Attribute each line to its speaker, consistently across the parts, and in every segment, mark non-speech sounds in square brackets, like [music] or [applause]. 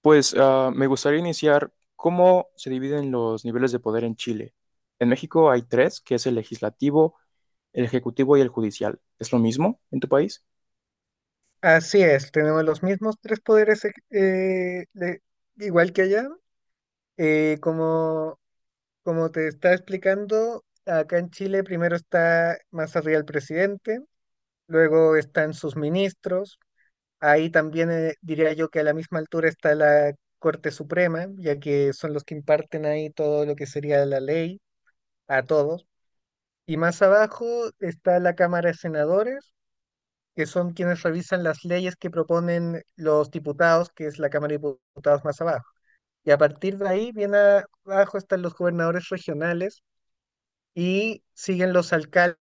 Speaker 1: Me gustaría iniciar cómo se dividen los niveles de poder en Chile. En México hay tres, que es el legislativo, el ejecutivo y el judicial. ¿Es lo mismo en tu país?
Speaker 2: Así es, tenemos los mismos tres poderes, igual que allá. Eh, como, como te estaba explicando, acá en Chile primero está más arriba el presidente, luego están sus ministros, ahí también diría yo que a la misma altura está la Corte Suprema, ya que son los que imparten ahí todo lo que sería la ley a todos. Y más abajo está la Cámara de Senadores que son quienes revisan las leyes que proponen los diputados, que es la Cámara de Diputados más abajo. Y a partir de ahí, bien abajo están los gobernadores regionales y siguen los alcaldes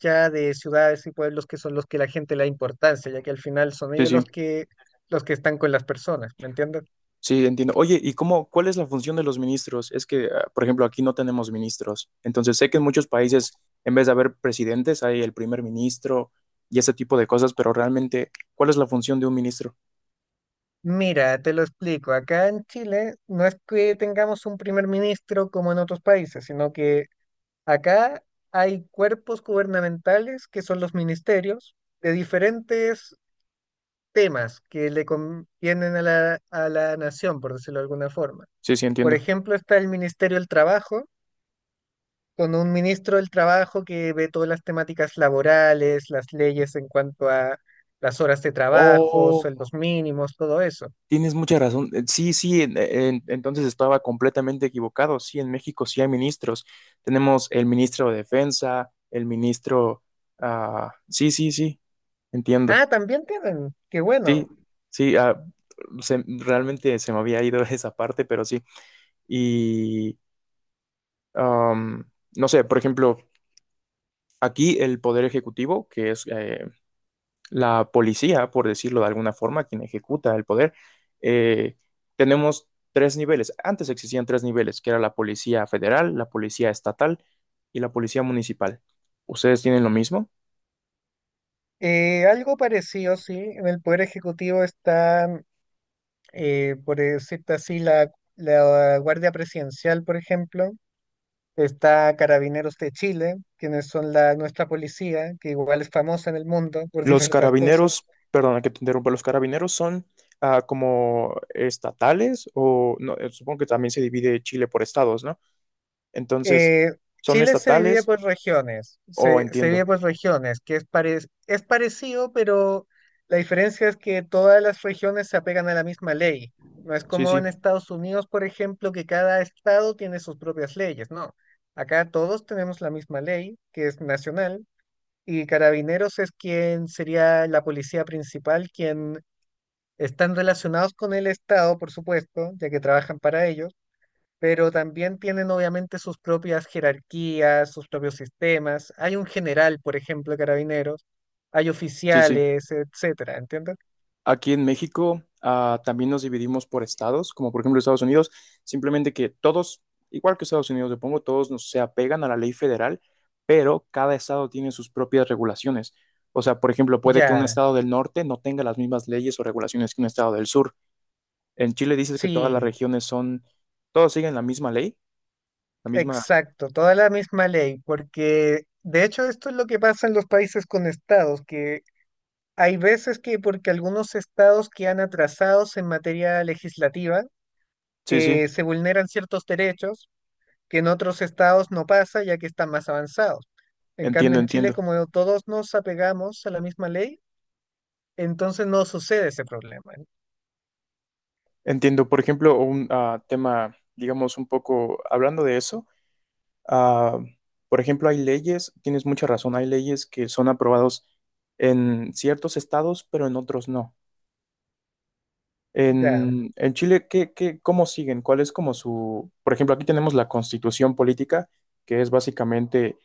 Speaker 2: ya de ciudades y pueblos que son los que la gente le da importancia, ya que al final son
Speaker 1: Sí,
Speaker 2: ellos
Speaker 1: sí.
Speaker 2: los que están con las personas, ¿me entiendes?
Speaker 1: Sí, entiendo. Oye, ¿cuál es la función de los ministros? Por ejemplo, aquí no tenemos ministros. Entonces, sé que en muchos países, en vez de haber presidentes, hay el primer ministro y ese tipo de cosas, pero realmente, ¿cuál es la función de un ministro?
Speaker 2: Mira, te lo explico, acá en Chile no es que tengamos un primer ministro como en otros países, sino que acá hay cuerpos gubernamentales que son los ministerios de diferentes temas que le convienen a a la nación, por decirlo de alguna forma.
Speaker 1: Sí, sí,
Speaker 2: Por
Speaker 1: entiendo.
Speaker 2: ejemplo, está el Ministerio del Trabajo, con un ministro del Trabajo que ve todas las temáticas laborales, las leyes en cuanto a las horas de trabajo,
Speaker 1: Oh,
Speaker 2: sueldos mínimos, todo eso.
Speaker 1: tienes mucha razón. Sí, sí, entonces estaba completamente equivocado. Sí, en México sí hay ministros. Tenemos el ministro de Defensa, el ministro... ah, sí, sí, sí, entiendo.
Speaker 2: Ah, también tienen, qué
Speaker 1: Sí,
Speaker 2: bueno.
Speaker 1: sí, realmente se me había ido [laughs] esa parte, pero sí. Y, am, no sé, por ejemplo, aquí el Poder Ejecutivo, que es la policía, por decirlo de alguna forma, quien ejecuta el poder, eh, tenemos tres niveles. Antes existían tres niveles, que era la policía federal, la policía estatal y la policía municipal. ¿Ustedes tienen lo mismo?
Speaker 2: Algo parecido, sí, en el Poder Ejecutivo está por decirte así, la Guardia Presidencial, por ejemplo, está Carabineros de Chile, quienes son nuestra policía, que igual es famosa en el mundo por
Speaker 1: Los
Speaker 2: [laughs] diversas cosas.
Speaker 1: carabineros, perdona que te interrumpa, los carabineros son como estatales o no, supongo que también se divide Chile por estados, ¿no? Entonces,
Speaker 2: Eh,
Speaker 1: ¿son
Speaker 2: Chile se divide
Speaker 1: estatales
Speaker 2: por regiones,
Speaker 1: o
Speaker 2: se
Speaker 1: entiendo?
Speaker 2: divide por regiones, que es, es parecido, pero la diferencia es que todas las regiones se apegan a la misma ley. No es
Speaker 1: Sí,
Speaker 2: como en
Speaker 1: sí,
Speaker 2: Estados Unidos, por ejemplo, que cada estado tiene sus propias leyes, no. Acá todos tenemos la misma ley, que es nacional. Y Carabineros es quien sería la policía principal, quien están relacionados con el Estado, por supuesto, ya que trabajan para ellos, pero también tienen obviamente sus propias jerarquías, sus propios sistemas. Hay un general, por ejemplo, de Carabineros, hay
Speaker 1: sí, sí.
Speaker 2: oficiales, etcétera, ¿entiendes?
Speaker 1: Aquí en México, también nos dividimos por estados, como por ejemplo Estados Unidos, simplemente que todos, igual que Estados Unidos, supongo, se apegan a la ley federal, pero cada estado tiene sus propias regulaciones. O sea, por ejemplo, puede que un
Speaker 2: Ya,
Speaker 1: estado del norte no tenga las mismas leyes o regulaciones que un estado del sur. En Chile dices que todas las
Speaker 2: sí,
Speaker 1: regiones son, todos siguen la misma ley, la misma...
Speaker 2: exacto, toda la misma ley, porque de hecho esto es lo que pasa en los países con estados, que hay veces que porque algunos estados quedan atrasados en materia legislativa,
Speaker 1: Sí, sí,
Speaker 2: se vulneran ciertos derechos que en otros estados no pasa ya que están más avanzados. En cambio,
Speaker 1: entiendo,
Speaker 2: en Chile,
Speaker 1: entiendo.
Speaker 2: como todos nos apegamos a la misma ley, entonces no sucede ese problema.
Speaker 1: Entiendo, por ejemplo, un tema, digamos, un poco hablando de eso. Ah, por ejemplo, hay leyes, tienes mucha razón, hay leyes que son aprobados en ciertos estados, pero en otros no.
Speaker 2: Ya,
Speaker 1: En Chile, ¿cómo siguen? ¿Cuál es como su... Por ejemplo, aquí tenemos la constitución política, que es básicamente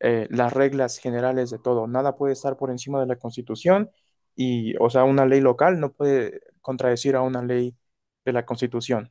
Speaker 1: las reglas generales de todo. Nada puede estar por encima de la constitución y, o sea, una ley local no puede contradecir a una ley de la constitución.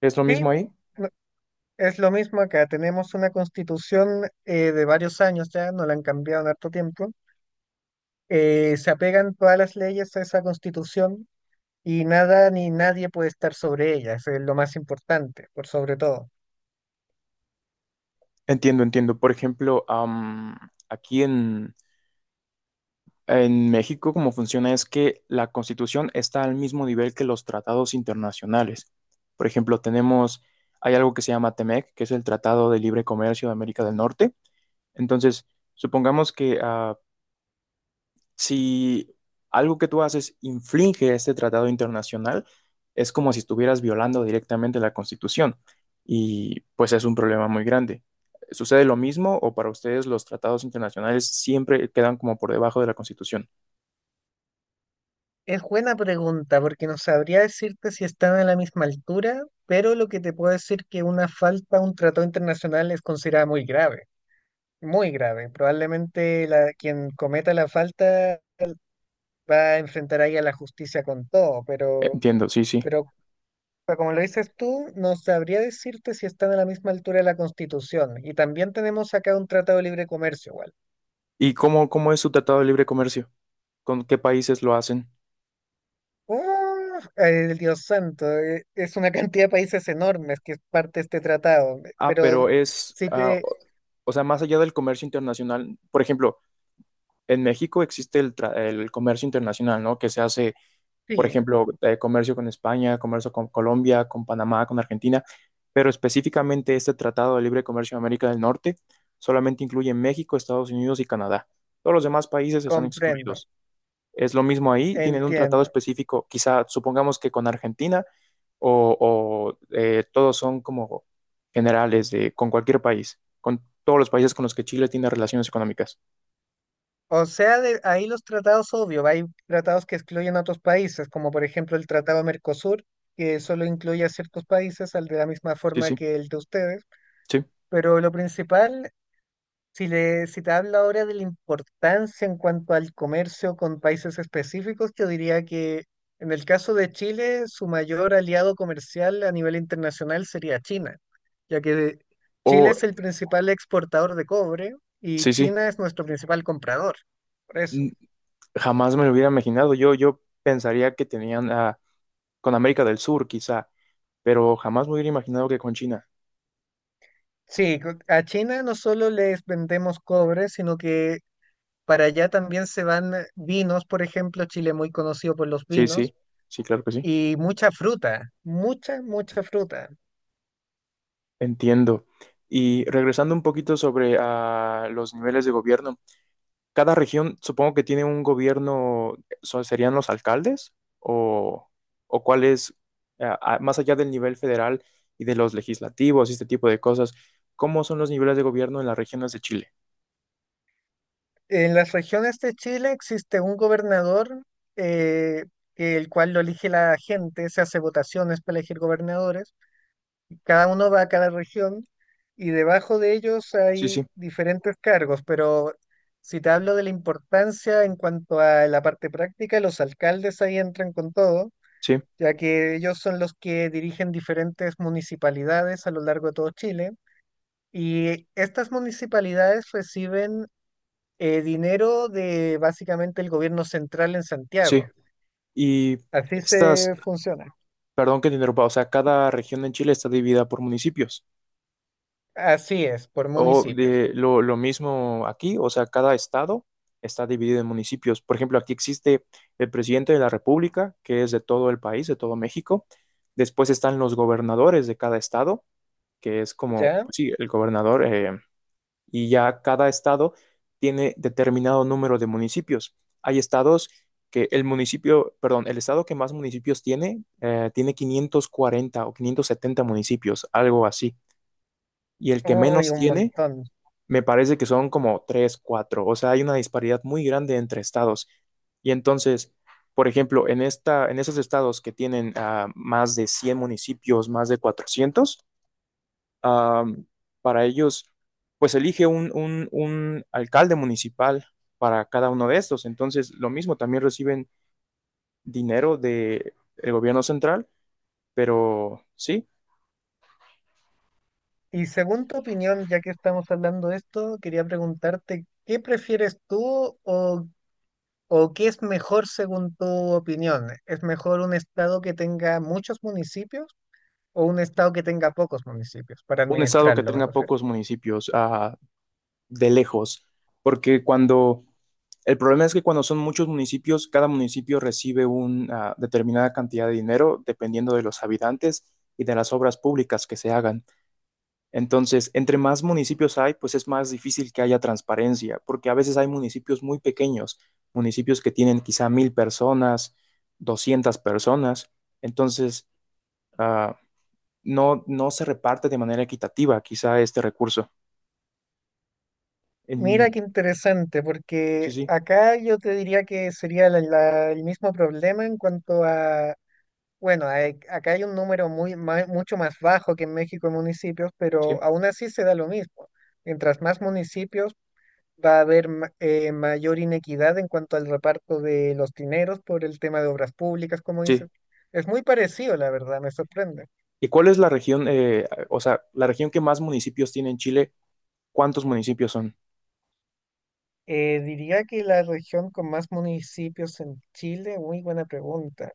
Speaker 1: ¿Es lo
Speaker 2: sí,
Speaker 1: mismo ahí?
Speaker 2: no- es lo mismo acá. Tenemos una constitución de varios años ya, no la han cambiado en harto tiempo. Se apegan todas las leyes a esa constitución y nada ni nadie puede estar sobre ella, eso es lo más importante, por sobre todo.
Speaker 1: Entiendo, entiendo. Por ejemplo, aquí en México, como funciona es que la Constitución está al mismo nivel que los tratados internacionales. Por ejemplo, tenemos, hay algo que se llama TEMEC, que es el Tratado de Libre Comercio de América del Norte. Entonces, supongamos que si algo que tú haces infringe este tratado internacional, es como si estuvieras violando directamente la Constitución y pues es un problema muy grande. ¿Sucede lo mismo o para ustedes los tratados internacionales siempre quedan como por debajo de la Constitución?
Speaker 2: Es buena pregunta porque no sabría decirte si están a la misma altura, pero lo que te puedo decir que una falta a un tratado internacional es considerada muy grave, muy grave. Probablemente quien cometa la falta va a enfrentar ahí a la justicia con todo, pero,
Speaker 1: Entiendo, sí, sí.
Speaker 2: pero pero como lo dices tú, no sabría decirte si están a la misma altura de la Constitución. Y también tenemos acá un tratado de libre comercio, igual.
Speaker 1: ¿Cómo es su tratado de libre comercio? ¿Con qué países lo hacen?
Speaker 2: ¡Oh, el Dios santo! Es una cantidad de países enormes que es parte de este tratado,
Speaker 1: Ah,
Speaker 2: pero
Speaker 1: pero es,
Speaker 2: sí
Speaker 1: ah,
Speaker 2: te,
Speaker 1: o O sea, más allá del comercio internacional, por ejemplo, en México existe el comercio internacional, ¿no? Que se hace por
Speaker 2: sí,
Speaker 1: ejemplo, comercio con España, comercio con Colombia, con Panamá, con Argentina, pero específicamente este Tratado de Libre Comercio en América del Norte solamente incluye México, Estados Unidos y Canadá. Todos los demás países están
Speaker 2: comprendo,
Speaker 1: excluidos. Es lo mismo ahí, tienen un tratado
Speaker 2: entiendo.
Speaker 1: específico, quizá supongamos que con Argentina o, o todos son como generales de, con cualquier país, con todos los países con los que Chile tiene relaciones económicas.
Speaker 2: O sea, ahí los tratados, obvio, hay tratados que excluyen a otros países, como por ejemplo el Tratado Mercosur, que solo incluye a ciertos países, al de la misma
Speaker 1: Sí,
Speaker 2: forma
Speaker 1: sí,
Speaker 2: que el de ustedes,
Speaker 1: sí.
Speaker 2: pero lo principal, si te hablo ahora de la importancia en cuanto al comercio con países específicos, yo diría que en el caso de Chile, su mayor aliado comercial a nivel internacional sería China, ya que Chile
Speaker 1: O,
Speaker 2: es el principal exportador de cobre y
Speaker 1: sí, sí.
Speaker 2: China es nuestro principal comprador. Por eso,
Speaker 1: Jamás me lo hubiera imaginado. Yo pensaría que tenían con América del Sur, quizá, pero jamás me hubiera imaginado que con China.
Speaker 2: sí, a China no solo les vendemos cobre, sino que para allá también se van vinos, por ejemplo, Chile es muy conocido por los
Speaker 1: Sí, sí,
Speaker 2: vinos,
Speaker 1: sí, claro que sí.
Speaker 2: y mucha fruta, mucha, mucha fruta.
Speaker 1: Entiendo. Y regresando un poquito sobre los niveles de gobierno, cada región supongo que tiene un gobierno, ¿serían los alcaldes? ¿O, o cuál es, más allá del nivel federal y de los legislativos y este tipo de cosas, ¿cómo son los niveles de gobierno en las regiones de Chile?
Speaker 2: En las regiones de Chile existe un gobernador, eh, el cual lo elige la gente, se hace votaciones para elegir gobernadores, cada uno va a cada región y debajo de ellos
Speaker 1: Sí,
Speaker 2: hay
Speaker 1: sí,
Speaker 2: diferentes cargos, pero si te hablo de la importancia en cuanto a la parte práctica, los alcaldes ahí entran con todo,
Speaker 1: sí,
Speaker 2: ya que ellos son los que dirigen diferentes municipalidades a lo largo de todo Chile. Y estas municipalidades reciben dinero de básicamente el gobierno central en
Speaker 1: sí.
Speaker 2: Santiago.
Speaker 1: Y...
Speaker 2: Así
Speaker 1: Estas,
Speaker 2: se funciona.
Speaker 1: perdón que te interrumpa, o sea, cada región en Chile está dividida por municipios.
Speaker 2: Así es, por
Speaker 1: O
Speaker 2: municipios.
Speaker 1: de lo, lo mismo aquí, o sea, cada estado está dividido en municipios. Por ejemplo, aquí existe el presidente de la República, que es de todo el país, de todo México. Después están los gobernadores de cada estado, que es como,
Speaker 2: ¿Ya?
Speaker 1: pues sí, el gobernador. Y ya cada estado tiene determinado número de municipios. Hay estados que el municipio, perdón, el estado que más municipios tiene, tiene 540 o 570 municipios, algo así. Y el que
Speaker 2: Uy,
Speaker 1: menos
Speaker 2: un
Speaker 1: tiene,
Speaker 2: montón.
Speaker 1: me parece que son como 3, 4. O sea, hay una disparidad muy grande entre estados. Y entonces, por ejemplo, en esos estados que tienen más de 100 municipios, más de 400 am, para ellos, pues elige un alcalde municipal para cada uno de estos. Entonces, lo mismo, también reciben dinero del gobierno central, pero sí,
Speaker 2: Y según tu opinión, ya que estamos hablando de esto, quería preguntarte, ¿qué prefieres tú? ¿O o qué es mejor según tu opinión? ¿Es mejor un estado que tenga muchos municipios o un estado que tenga pocos municipios para
Speaker 1: un estado que
Speaker 2: administrarlo, me
Speaker 1: tenga
Speaker 2: refiero?
Speaker 1: pocos municipios, de lejos, porque cuando, el problema es que cuando son muchos municipios, cada municipio recibe una determinada cantidad de dinero dependiendo de los habitantes y de las obras públicas que se hagan. Entonces, entre más municipios hay, pues es más difícil que haya transparencia, porque a veces hay municipios muy pequeños, municipios que tienen quizá 1.000 personas, 200 personas, entonces ah, no, no se reparte de manera equitativa quizá este recurso.
Speaker 2: Mira
Speaker 1: En-
Speaker 2: qué interesante,
Speaker 1: sí,
Speaker 2: porque
Speaker 1: sí,
Speaker 2: acá yo te diría que sería el mismo problema en cuanto a, bueno, acá hay un número muy, mucho más bajo que en México en municipios,
Speaker 1: sí,
Speaker 2: pero aún así se da lo mismo. Mientras más municipios, va a haber mayor inequidad en cuanto al reparto de los dineros por el tema de obras públicas, como
Speaker 1: sí.
Speaker 2: dices. Es muy parecido, la verdad, me sorprende.
Speaker 1: ¿Y cuál es la región, o sea, la región que más municipios tiene en Chile? ¿Cuántos municipios son?
Speaker 2: Diría que la región con más municipios en Chile, muy buena pregunta.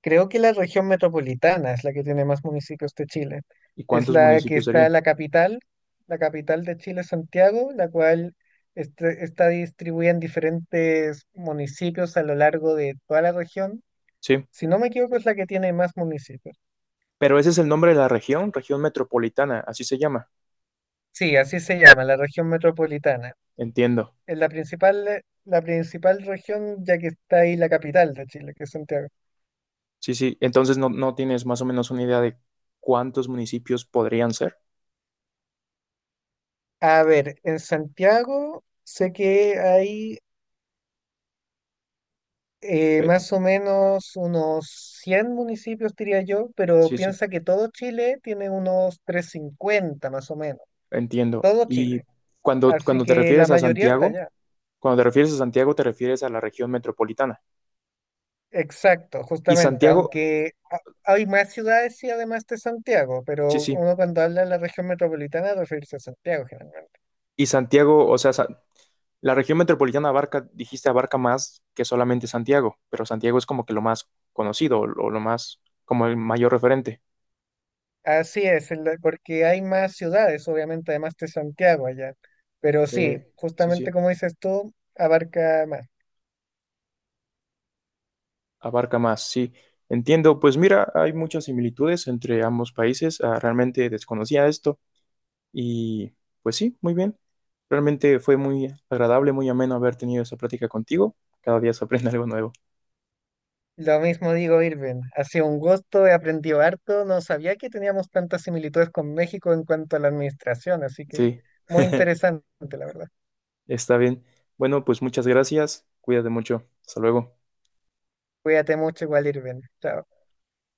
Speaker 2: Creo que la región metropolitana es la que tiene más municipios de Chile.
Speaker 1: ¿Y
Speaker 2: Es
Speaker 1: cuántos
Speaker 2: la que
Speaker 1: municipios
Speaker 2: está en
Speaker 1: serían?
Speaker 2: la capital de Chile, Santiago, la cual está distribuida en diferentes municipios a lo largo de toda la región.
Speaker 1: Sí,
Speaker 2: Si no me equivoco, es la que tiene más municipios.
Speaker 1: pero ese es el nombre de la región, región metropolitana, así se llama,
Speaker 2: Sí, así se llama, la región metropolitana.
Speaker 1: entiendo.
Speaker 2: Es la principal región, ya que está ahí la capital de Chile, que es Santiago.
Speaker 1: Sí, sí. Entonces no, no tienes más o menos una idea de cuántos municipios podrían ser.
Speaker 2: A ver, en Santiago sé que hay
Speaker 1: Eh,
Speaker 2: más o menos unos 100 municipios, diría yo, pero
Speaker 1: Sí, sí,
Speaker 2: piensa que todo Chile tiene unos 350, más o menos.
Speaker 1: entiendo.
Speaker 2: Todo
Speaker 1: Y
Speaker 2: Chile. Así
Speaker 1: cuando te
Speaker 2: que la
Speaker 1: refieres a
Speaker 2: mayoría está
Speaker 1: Santiago,
Speaker 2: allá.
Speaker 1: cuando te refieres a Santiago, te refieres a la región metropolitana.
Speaker 2: Exacto,
Speaker 1: Y
Speaker 2: justamente.
Speaker 1: Santiago,
Speaker 2: Aunque hay más ciudades, y además de Santiago,
Speaker 1: sí,
Speaker 2: pero
Speaker 1: sí.
Speaker 2: uno cuando habla de la región metropolitana referirse a Santiago generalmente.
Speaker 1: Y Santiago, la región metropolitana abarca, dijiste, abarca más que solamente Santiago, pero Santiago es como que lo más conocido o lo más, como el mayor referente.
Speaker 2: Así es, porque hay más ciudades, obviamente, además de Santiago allá. Pero sí,
Speaker 1: Sí,
Speaker 2: justamente
Speaker 1: sí.
Speaker 2: como dices tú, abarca más.
Speaker 1: Abarca más, sí. Entiendo, pues mira, hay muchas similitudes entre ambos países. Realmente desconocía esto y pues sí, muy bien. Realmente fue muy agradable, muy ameno haber tenido esa plática contigo. Cada día se aprende [laughs] algo nuevo.
Speaker 2: Lo mismo digo, Irving. Ha sido un gusto, he aprendido harto. No sabía que teníamos tantas similitudes con México en cuanto a la administración, así que
Speaker 1: Sí,
Speaker 2: muy
Speaker 1: [laughs]
Speaker 2: interesante, la verdad.
Speaker 1: está bien. Bueno, pues muchas gracias. Cuídate mucho. Hasta luego.
Speaker 2: Cuídate mucho igual, Irving. Chao.